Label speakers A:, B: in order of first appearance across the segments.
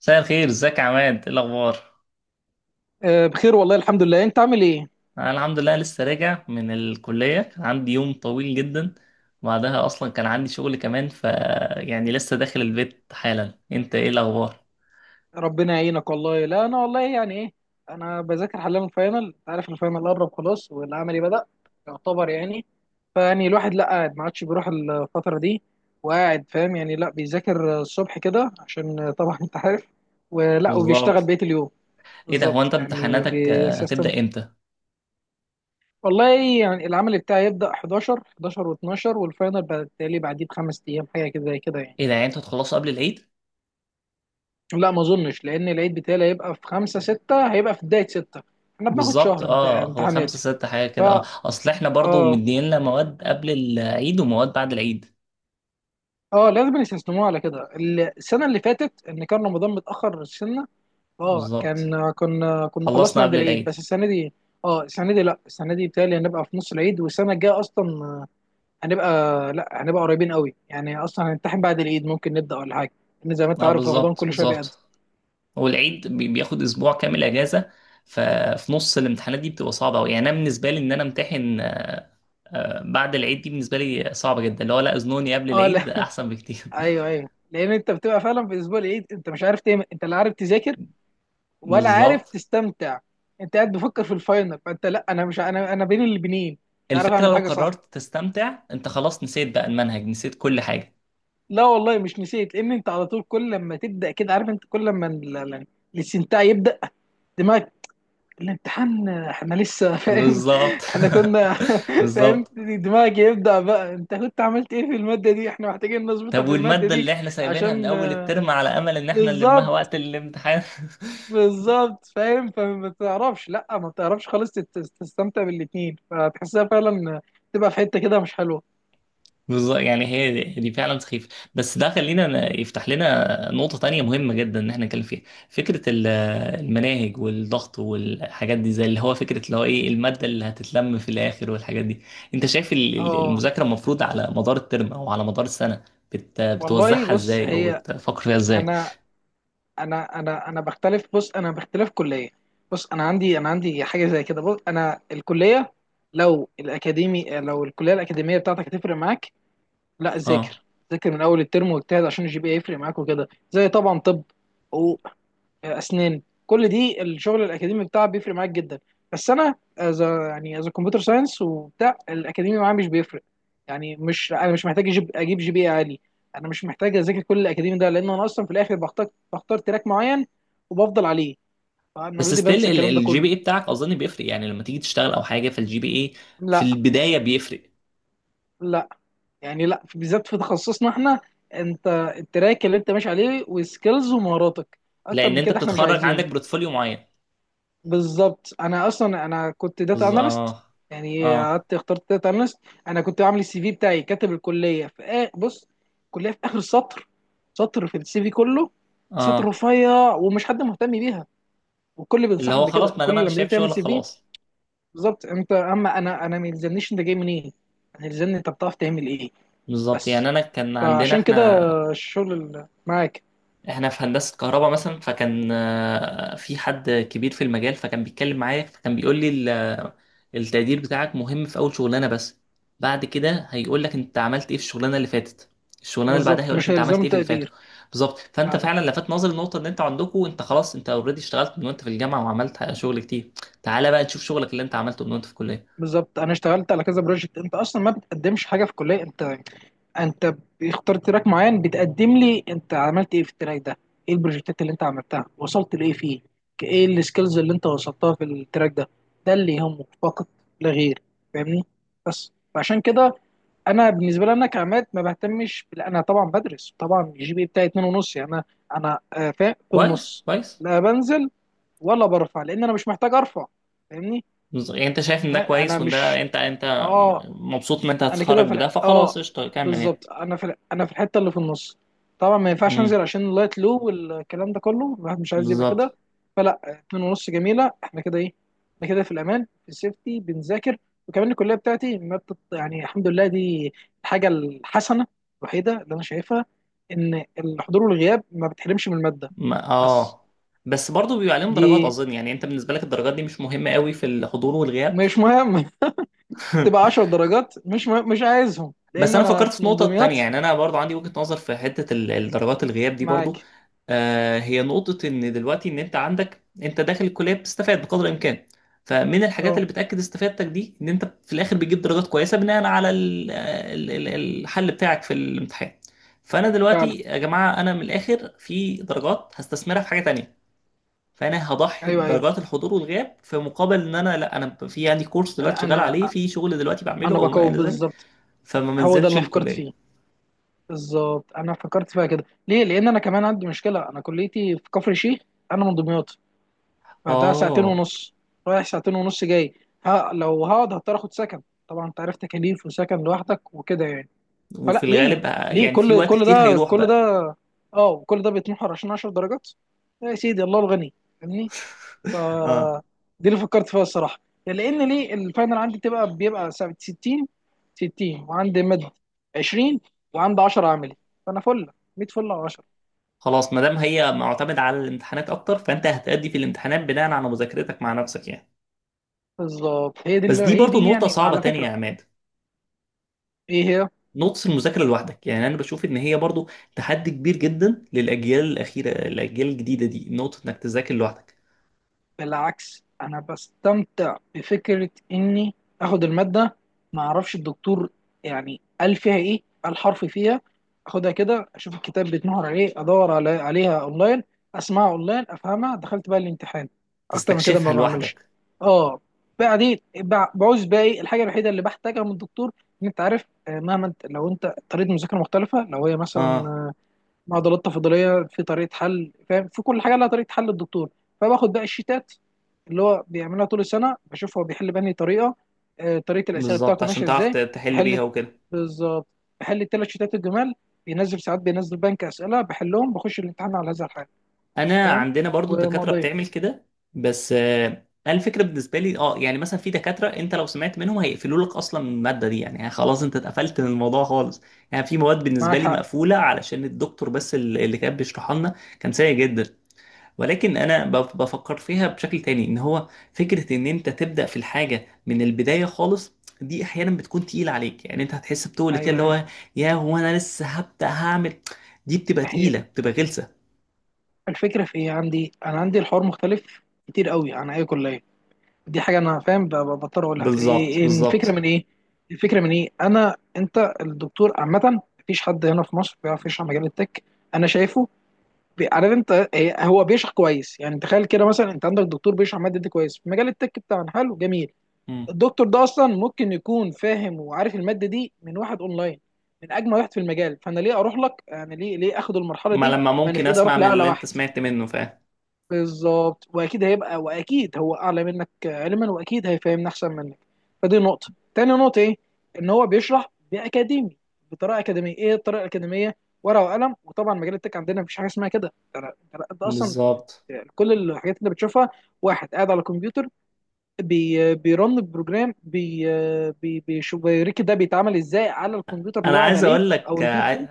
A: مساء الخير، ازيك يا عماد؟ ايه الاخبار؟
B: آه، بخير والله الحمد لله. انت عامل ايه؟
A: انا الحمد لله، لسه راجع من الكليه. كان عندي يوم طويل جدا، بعدها اصلا كان عندي شغل كمان، ف يعني لسه داخل البيت حالا. انت ايه الاخبار؟
B: ربنا يعينك والله. لا انا والله يعني ايه، انا بذاكر حاليا الفاينل. انت عارف الفاينل قرب خلاص، والعملي بدأ يعتبر يعني. فيعني الواحد لا قاعد، ما عادش بيروح الفترة دي، وقاعد فاهم يعني. لا بيذاكر الصبح كده عشان طبعا انت عارف، ولا وبيشتغل
A: بالظبط.
B: بقية اليوم.
A: ايه ده؟ هو
B: بالظبط
A: انت
B: يعني.
A: امتحاناتك
B: بسيستم.
A: هتبدا امتى؟
B: والله يعني العمل بتاعي يبدأ 11 11 و12، والفاينل بالتالي بعديه بخمس ايام، حاجة كده زي كده يعني.
A: ايه ده؟ يعني انتوا هتخلصوا قبل العيد؟
B: لا ما اظنش، لان العيد بتاعي هيبقى في خمسة ستة، هيبقى في بداية ستة. احنا بناخد
A: بالظبط.
B: شهر
A: اه، هو
B: امتحانات.
A: خمسة ستة حاجه كده. اه
B: فا
A: اصل احنا برضو
B: اه
A: مدينا مواد قبل العيد ومواد بعد العيد.
B: اه لازم يستثنوه على كده. السنة اللي فاتت ان كان رمضان متأخر سنة. اه
A: بالظبط،
B: كان كنا
A: خلصنا
B: خلصنا قبل
A: قبل
B: العيد،
A: العيد.
B: بس السنة دي اه، السنة دي لا، السنة دي بتهيألي هنبقى في نص العيد. والسنة الجاية اصلا هنبقى، لا هنبقى قريبين قوي. يعني اصلا هنمتحن بعد العيد، ممكن نبدأ ولا حاجة، لان زي ما انت
A: اه،
B: عارف رمضان
A: بالظبط
B: كل شوية بيقدم.
A: بالظبط. هو العيد بياخد اسبوع كامل اجازه. ففي نص الامتحانات دي بتبقى صعبه قوي، يعني انا بالنسبه لي ان انا امتحن بعد العيد دي بالنسبه لي صعبه جدا، اللي هو لا اذنوني قبل
B: اه لا
A: العيد احسن بكتير
B: ايوه ايوه، لان انت بتبقى فعلا في اسبوع العيد انت مش عارف تعمل، انت لا عارف تذاكر ولا عارف
A: بالظبط.
B: تستمتع. انت قاعد بفكر في الفاينل، فانت لا انا مش انا بين البنين مش عارف
A: الفكره
B: اعمل
A: لو
B: حاجه صح.
A: قررت تستمتع انت خلاص نسيت بقى المنهج، نسيت كل حاجه.
B: لا والله مش نسيت، لان انت على طول كل لما تبدا كده. عارف انت كل لما الاستمتاع يبدا، دماغك الامتحان احنا لسه فاهم.
A: بالظبط
B: احنا كنا فاهم.
A: بالظبط،
B: دماغك يبدا بقى انت كنت عملت ايه في الماده دي، احنا محتاجين نظبطها
A: طب
B: في الماده
A: والماده
B: دي
A: اللي احنا سايبينها من
B: عشان.
A: اول الترم على امل ان احنا نلمها
B: بالظبط
A: وقت الامتحان؟
B: بالظبط. فاهم، فما تعرفش، لا ما تعرفش خالص تستمتع بالاتنين، فتحسها فعلا تبقى في حته كده مش حلوه.
A: بالظبط، يعني هي دي فعلا سخيفة. بس ده خلينا يفتح لنا نقطة تانية مهمة جدا إن احنا نتكلم فيها. فكرة المناهج والضغط والحاجات دي، زي اللي هو فكرة اللي هو إيه المادة اللي هتتلم في الآخر والحاجات دي. أنت شايف
B: اه
A: المذاكرة المفروض على مدار الترم أو على مدار السنة
B: والله
A: بتوزعها
B: بص
A: إزاي أو
B: هي.
A: بتفكر فيها إزاي؟
B: انا انا بختلف. بص انا باختلاف كليه. بص انا عندي حاجه زي كده. بص انا الكليه، لو الاكاديمي، لو الكليه الاكاديميه بتاعتك هتفرق معاك، لا
A: اه،
B: ذاكر. ذاكر من اول الترم واجتهد عشان الجي بي يفرق معاك، وكده زي طبعا. طب اسنان كل دي الشغل الاكاديمي بتاعها بيفرق معاك جدا. بس انا از يعني از كمبيوتر ساينس، وبتاع الاكاديمي معايا مش بيفرق. يعني مش انا مش محتاج اجيب جي بي إيه عالي. انا مش محتاج اذاكر كل الاكاديمي ده، لان انا اصلا في الاخر بختار، تراك معين وبفضل عليه. فانا
A: بس
B: اوريدي بنسى
A: ستيل
B: الكلام ده
A: الجي بي
B: كله.
A: اي بتاعك اظن بيفرق، يعني لما تيجي تشتغل او حاجه فالجي بي اي في
B: لا
A: البدايه بيفرق.
B: لا، يعني لا بالذات في تخصصنا احنا، انت التراك اللي انت ماشي عليه وسكيلز ومهاراتك، اكتر
A: لان
B: من
A: انت
B: كده احنا مش
A: بتتخرج
B: عايزين.
A: عندك بورتفوليو معين.
B: بالظبط. انا اصلا انا كنت داتا اناليست.
A: بالظبط.
B: يعني
A: اه
B: قعدت اخترت داتا اناليست. انا كنت عامل السي في بتاعي، كاتب الكليه في آه بص، الكليه في اخر السطر، سطر في السي في كله، سطر
A: اه
B: رفيع ومش حد مهتم بيها. والكل
A: اللي
B: بينصحك
A: هو خلاص
B: بكده
A: ما
B: كل
A: دام انا
B: لما تيجي
A: شايف
B: تعمل
A: شغل
B: سي في.
A: خلاص.
B: بالظبط. انت اما انا ما يلزمنيش انت جاي منين، انا يلزمني انت بتعرف تعمل ايه.
A: بالظبط،
B: بس
A: يعني انا كان عندنا
B: فعشان كده
A: احنا،
B: الشغل اللي معاك.
A: احنا في هندسة كهرباء مثلا. فكان في حد كبير في المجال، فكان بيتكلم معايا فكان بيقول لي التقدير بتاعك مهم في اول شغلانة بس، بعد كده هيقول لك انت عملت ايه في الشغلانة اللي فاتت، الشغلانة اللي بعدها
B: بالظبط
A: هيقول لك
B: مش
A: انت عملت
B: هيلزم
A: ايه في اللي فاتوا.
B: تقدير.
A: بالظبط، فانت
B: فعلا.
A: فعلا لفت نظري النقطة ان انت عندكم، انت خلاص، انت اوريدي اشتغلت من وانت في الجامعة وعملت شغل كتير. تعالى بقى نشوف شغلك اللي انت عملته من وانت في الكلية.
B: بالظبط، انا اشتغلت على كذا بروجكت. انت اصلا ما بتقدمش حاجه في الكليه، انت انت بيختار تراك معين، بتقدم لي انت عملت ايه في التراك ده، ايه البروجكتات اللي انت عملتها، وصلت لايه فيه. ايه السكيلز اللي انت وصلتها في التراك ده، ده اللي يهمك فقط لا غير. فاهمني؟ بس فعشان كده، انا بالنسبه لي انا كعماد ما بهتمش انا طبعا بدرس. طبعا الجي بي إيه بتاعي اتنين ونص، يعني انا آه، في
A: كويس
B: النص،
A: كويس.
B: لا بنزل ولا برفع، لان انا مش محتاج ارفع. فاهمني؟
A: يعني انت شايف ان ده
B: ها، انا
A: كويس وان
B: مش
A: ده، انت
B: اه
A: مبسوط ان انت
B: انا
A: هتتخرج
B: كده في ال-
A: بده فخلاص
B: اه
A: قشطه كمل يعني.
B: بالظبط، انا انا في الحته اللي في النص. طبعا ما ينفعش
A: امم.
B: انزل عشان اللايت لو والكلام ده كله، الواحد مش عايز يبقى
A: بالظبط.
B: كده. فلا، اتنين ونص جميله، احنا كده ايه، احنا كده في الامان، في السيفتي بنذاكر. وكمان الكليه بتاعتي ما بتط... يعني الحمد لله، دي الحاجه الحسنه الوحيده اللي انا شايفها، ان الحضور والغياب ما بتحرمش من الماده.
A: ما-
B: بس
A: اه بس برضه بيبقى عليهم
B: دي
A: درجات اظن، يعني انت بالنسبه لك الدرجات دي مش مهمه قوي في الحضور والغياب.
B: مش مهم. تبقى 10 درجات مش مهم. مش عايزهم
A: بس
B: لان
A: انا
B: انا
A: فكرت
B: في
A: في نقطة
B: منظوميات.
A: تانية، يعني انا برضو عندي وجهة نظر في حتة الدرجات الغياب دي
B: معاك.
A: برضو. هي نقطة ان دلوقتي ان انت عندك، انت داخل الكلية بتستفاد بقدر الامكان. فمن الحاجات
B: اه
A: اللي بتأكد استفادتك دي ان انت في الاخر بتجيب درجات كويسة بناء على الحل بتاعك في الامتحان. فانا
B: فعلا.
A: دلوقتي يا جماعة، انا من الاخر في درجات هستثمرها في حاجة تانية. فانا هضحي
B: ايوه،
A: بدرجات الحضور والغياب في مقابل ان انا لا انا في عندي كورس دلوقتي شغال
B: انا
A: عليه، في شغل دلوقتي بعمله
B: انا
A: او ما
B: بقوي
A: الى ذلك.
B: بالظبط،
A: فما
B: هو ده اللي
A: منزلش
B: انا فكرت
A: الكلية.
B: فيه. بالظبط، انا فكرت فيها كده ليه، لان انا كمان عندي مشكله. انا كليتي في كفر الشيخ، انا من دمياط، فده ساعتين
A: اه،
B: ونص رايح، ساعتين ونص جاي. ها لو هقعد هضطر اخد سكن، طبعا انت عارف تكاليف وسكن لوحدك وكده يعني. فلا
A: وفي
B: ليه،
A: الغالب
B: ليه
A: يعني في
B: كل
A: وقت
B: كل
A: كتير
B: ده،
A: هيروح
B: كل
A: بقى.
B: ده، اه كل ده بيتمحور عشان 10 درجات. يا سيدي الله الغني يعني. ف
A: اه،
B: دي اللي فكرت فيها الصراحه، يعني لان ليه الفاينل عندي بتبقى بيبقى ساعة 60 60، وعندي مد 20، وعندي 10 عملي. فانا فل 100، فل على 10.
A: خلاص ما دام هي معتمدة على الامتحانات اكتر، فانت هتأدي في الامتحانات بناء على مذاكرتك مع نفسك يعني.
B: بالظبط، هي دي،
A: بس
B: اللي
A: دي
B: هي
A: برضو
B: دي
A: نقطة
B: يعني.
A: صعبة
B: وعلى
A: تانية يا
B: فكره.
A: عماد.
B: ايه هي؟
A: نقطة المذاكرة لوحدك، يعني انا بشوف ان هي برضو تحدي كبير جدا للاجيال الاخيرة، الاجيال الجديدة دي، نقطة انك تذاكر لوحدك،
B: بالعكس، انا بستمتع بفكره اني اخد الماده، ما اعرفش الدكتور يعني قال فيها ايه، قال حرف فيها. اخدها كده، اشوف الكتاب بيتنهر عليه، ادور على عليها اونلاين، اسمعها اونلاين افهمها، دخلت بقى الامتحان. اكتر من كده ما
A: تستكشفها
B: بعملش.
A: لوحدك.
B: اه. بعدين بعوز بقى ايه الحاجه الوحيده اللي بحتاجها من الدكتور. ان انت عارف آه، مهما انت، لو انت طريقه مذاكره مختلفه، لو هي
A: اه،
B: مثلا معضلات تفاضليه في طريقه حل. فاهم، في كل حاجه لها طريقه حل الدكتور، فباخد بقى الشيتات اللي هو بيعملها طول السنه، بشوف هو بيحل بأنهي طريقه. آه، طريقه الاسئله
A: بالظبط،
B: بتاعته
A: عشان
B: ماشيه
A: تعرف
B: ازاي
A: تحل بيها
B: بيحل.
A: وكده.
B: بالظبط. بحل الثلاث شيتات الجمال، بينزل ساعات، بينزل بنك اسئله بحلهم، بخش الامتحان على هذا الحال.
A: انا
B: فاهم.
A: عندنا برضو دكاتره
B: ومقضيه.
A: بتعمل كده. بس انا الفكره بالنسبه لي يعني مثلا في دكاتره انت لو سمعت منهم هيقفلوا لك اصلا من الماده دي، يعني خلاص انت اتقفلت من الموضوع خالص. يعني في مواد بالنسبه
B: معاك
A: لي
B: حق.
A: مقفوله علشان الدكتور، بس اللي كان بيشرحها لنا كان سيء جدا. ولكن انا بفكر فيها بشكل تاني، ان هو فكره ان انت تبدا في الحاجه من البدايه خالص، دي احيانا بتكون تقيله عليك. يعني انت هتحس بتقول كده اللي
B: ايوه،
A: هو يا هو انا لسه هبدا هعمل، دي بتبقى
B: هي
A: تقيله بتبقى غلسه.
B: الفكره في ايه عندي، انا عندي الحوار مختلف كتير قوي عن اي كليه. دي حاجه انا فاهم بضطر اقولها. إيه
A: بالظبط
B: إيه الفكره
A: بالظبط.
B: من ايه، الفكره من ايه؟ انا انت الدكتور عامه مفيش حد هنا في مصر بيعرف يشرح مجال التك. انا شايفه. عارف انت إيه، هو بيشرح كويس. يعني تخيل كده مثلا، انت عندك دكتور بيشرح ماده دي كويس في مجال التك بتاعنا، حلو جميل.
A: مم.
B: الدكتور ده اصلا ممكن يكون فاهم وعارف الماده دي من واحد اونلاين، من اجمل واحد في المجال. فانا ليه اروح لك؟ يعني ليه، ليه اخد المرحله
A: ما
B: دي
A: لما
B: ما انا
A: ممكن
B: في ايدي اروح
A: اسمع من
B: لاعلى
A: اللي انت
B: واحد.
A: سمعت منه فاهم.
B: بالظبط، واكيد هيبقى، واكيد هو اعلى منك علما، واكيد هيفهمنا احسن منك. فدي نقطه. تاني نقطه ايه، ان هو بيشرح باكاديمي، بطريقه اكاديميه. ايه الطريقه الاكاديميه؟ ورقه وقلم. وطبعا مجال التك عندنا مفيش حاجه اسمها كده، ده ده لا، ده اصلا
A: بالظبط،
B: كل الحاجات اللي بتشوفها واحد قاعد على الكمبيوتر، بيرن بروجرام، بي بيشوف بيوريك ده بيتعمل ازاي على الكمبيوتر اللي
A: انا
B: هو قاعد
A: عايز
B: عليه،
A: اقول
B: او
A: لك
B: البي سي.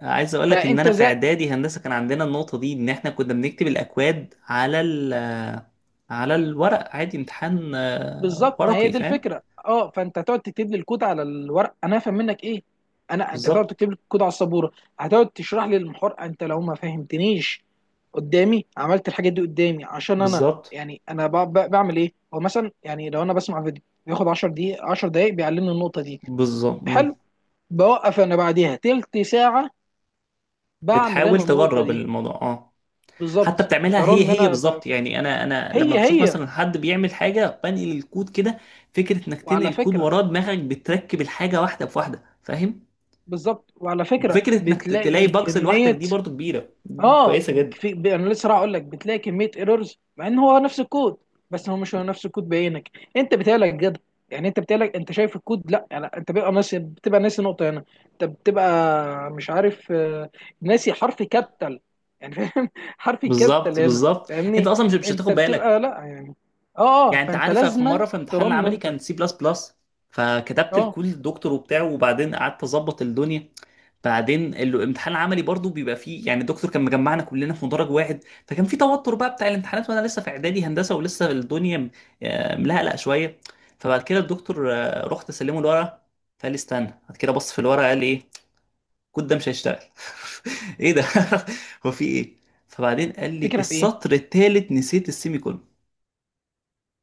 A: عايز اقول لك ان
B: فانت
A: انا في
B: زي.
A: اعدادي هندسه كان عندنا النقطه دي، ان احنا كنا بنكتب الاكواد على الورق عادي، امتحان
B: بالظبط، ما هي
A: ورقي
B: دي
A: فاهم.
B: الفكره. اه فانت هتقعد تكتب لي الكود على الورق، انا هفهم منك ايه، انا انت هتقعد
A: بالظبط
B: تكتب لي الكود على السبوره، هتقعد تشرح لي المحور انت، لو ما فهمتنيش قدامي عملت الحاجات دي قدامي، عشان انا
A: بالظبط
B: يعني انا بعمل ايه. هو مثلا يعني لو انا بسمع فيديو بياخد 10 دقيقة 10 دقايق بيعلمني النقطة دي،
A: بالظبط.
B: حلو.
A: مم.
B: بوقف انا بعديها تلت ساعة، بعمل
A: بتحاول
B: انا النقطة
A: تجرب
B: دي.
A: الموضوع، اه. حتى
B: بالظبط.
A: بتعملها، هي
B: برن
A: هي
B: انا ب...
A: بالظبط، يعني انا لما
B: هي
A: بشوف
B: هي.
A: مثلا حد بيعمل حاجه بنقل الكود كده، فكره انك
B: وعلى
A: تنقل كود
B: فكرة.
A: وراه دماغك بتركب الحاجه واحده بواحده فاهم.
B: بالظبط، وعلى فكرة
A: فكره انك تلاقي
B: بتلاقي
A: باجز لوحدك،
B: كمية.
A: دي برضو كبيره، دي
B: اه
A: كويسه جدا.
B: في انا لسه راح اقول لك بتلاقي كميه ايرورز، مع ان هو نفس الكود، بس هو مش هو نفس الكود بعينك، انت بتقلق جد. يعني انت بتقلق، انت شايف الكود، لا يعني انت بيبقى ناسي، بتبقى ناسي نقطه هنا، انت بتبقى مش عارف آه، ناسي حرف كابيتال يعني. فاهم حرف كابيتال
A: بالظبط
B: هنا
A: بالظبط. انت
B: فاهمني.
A: اصلا مش
B: انت
A: هتاخد بالك.
B: بتبقى لا يعني، اه اه
A: يعني انت
B: فانت
A: عارف في
B: لازما
A: مره في امتحان
B: ترن
A: العملي
B: انت.
A: كان سي بلس بلس، فكتبت
B: اه
A: الكود للدكتور وبتاعه وبعدين قعدت اظبط الدنيا. بعدين الامتحان العملي برضو بيبقى فيه يعني. الدكتور كان مجمعنا كلنا في مدرج واحد، فكان في توتر بقى بتاع الامتحانات وانا لسه في اعدادي هندسه ولسه الدنيا ملهلقه شويه. فبعد كده الدكتور، رحت اسلمه الورقه، فقال لي استنى. بعد كده بص في الورقه قال لي ايه، الكود ده مش هيشتغل ايه ده؟ هو في ايه؟ فبعدين قال لي
B: فكره في ايه؟
A: السطر الثالث نسيت السيمي كولون.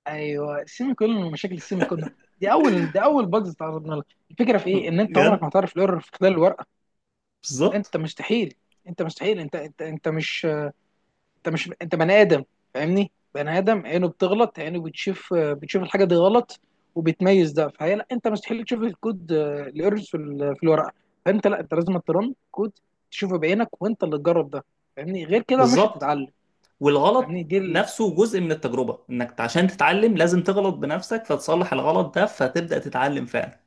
B: ايوه السيمي كولون، ومشاكل السيمي كولون دي اول، ده اول بجز تعرضنا لها. الفكره في ايه، ان انت عمرك
A: بجد.
B: ما هتعرف الايرور في خلال الورقه.
A: بالظبط
B: انت مستحيل. انت مستحيل انت مش انت، مش انت بني ادم فاهمني. بني ادم عينه بتغلط، عينه بتشوف، بتشوف الحاجه دي غلط وبتميز ده. فهي لا انت مستحيل تشوف الكود الايرورز في في الورقه. فانت لا انت لازم ترن كود، تشوفه بعينك وانت اللي تجرب ده فاهمني. غير كده مش
A: بالظبط.
B: هتتعلم. فاهمني
A: والغلط نفسه جزء من التجربة، انك عشان تتعلم لازم تغلط بنفسك فتصلح الغلط ده فتبدأ تتعلم فعلا.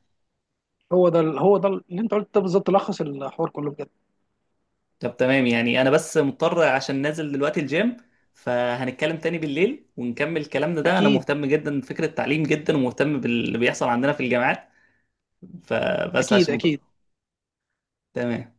B: هو ده هو ده اللي انت قلت ده، بالظبط لخص الحوار كله بجد.
A: طب تمام، يعني انا بس مضطر عشان نازل دلوقتي الجيم. فهنتكلم تاني بالليل ونكمل كلامنا ده، انا
B: اكيد
A: مهتم جدا بفكرة التعليم جدا ومهتم باللي بيحصل عندنا في الجامعات. فبس
B: اكيد
A: عشان مضطر.
B: اكيد.
A: تمام.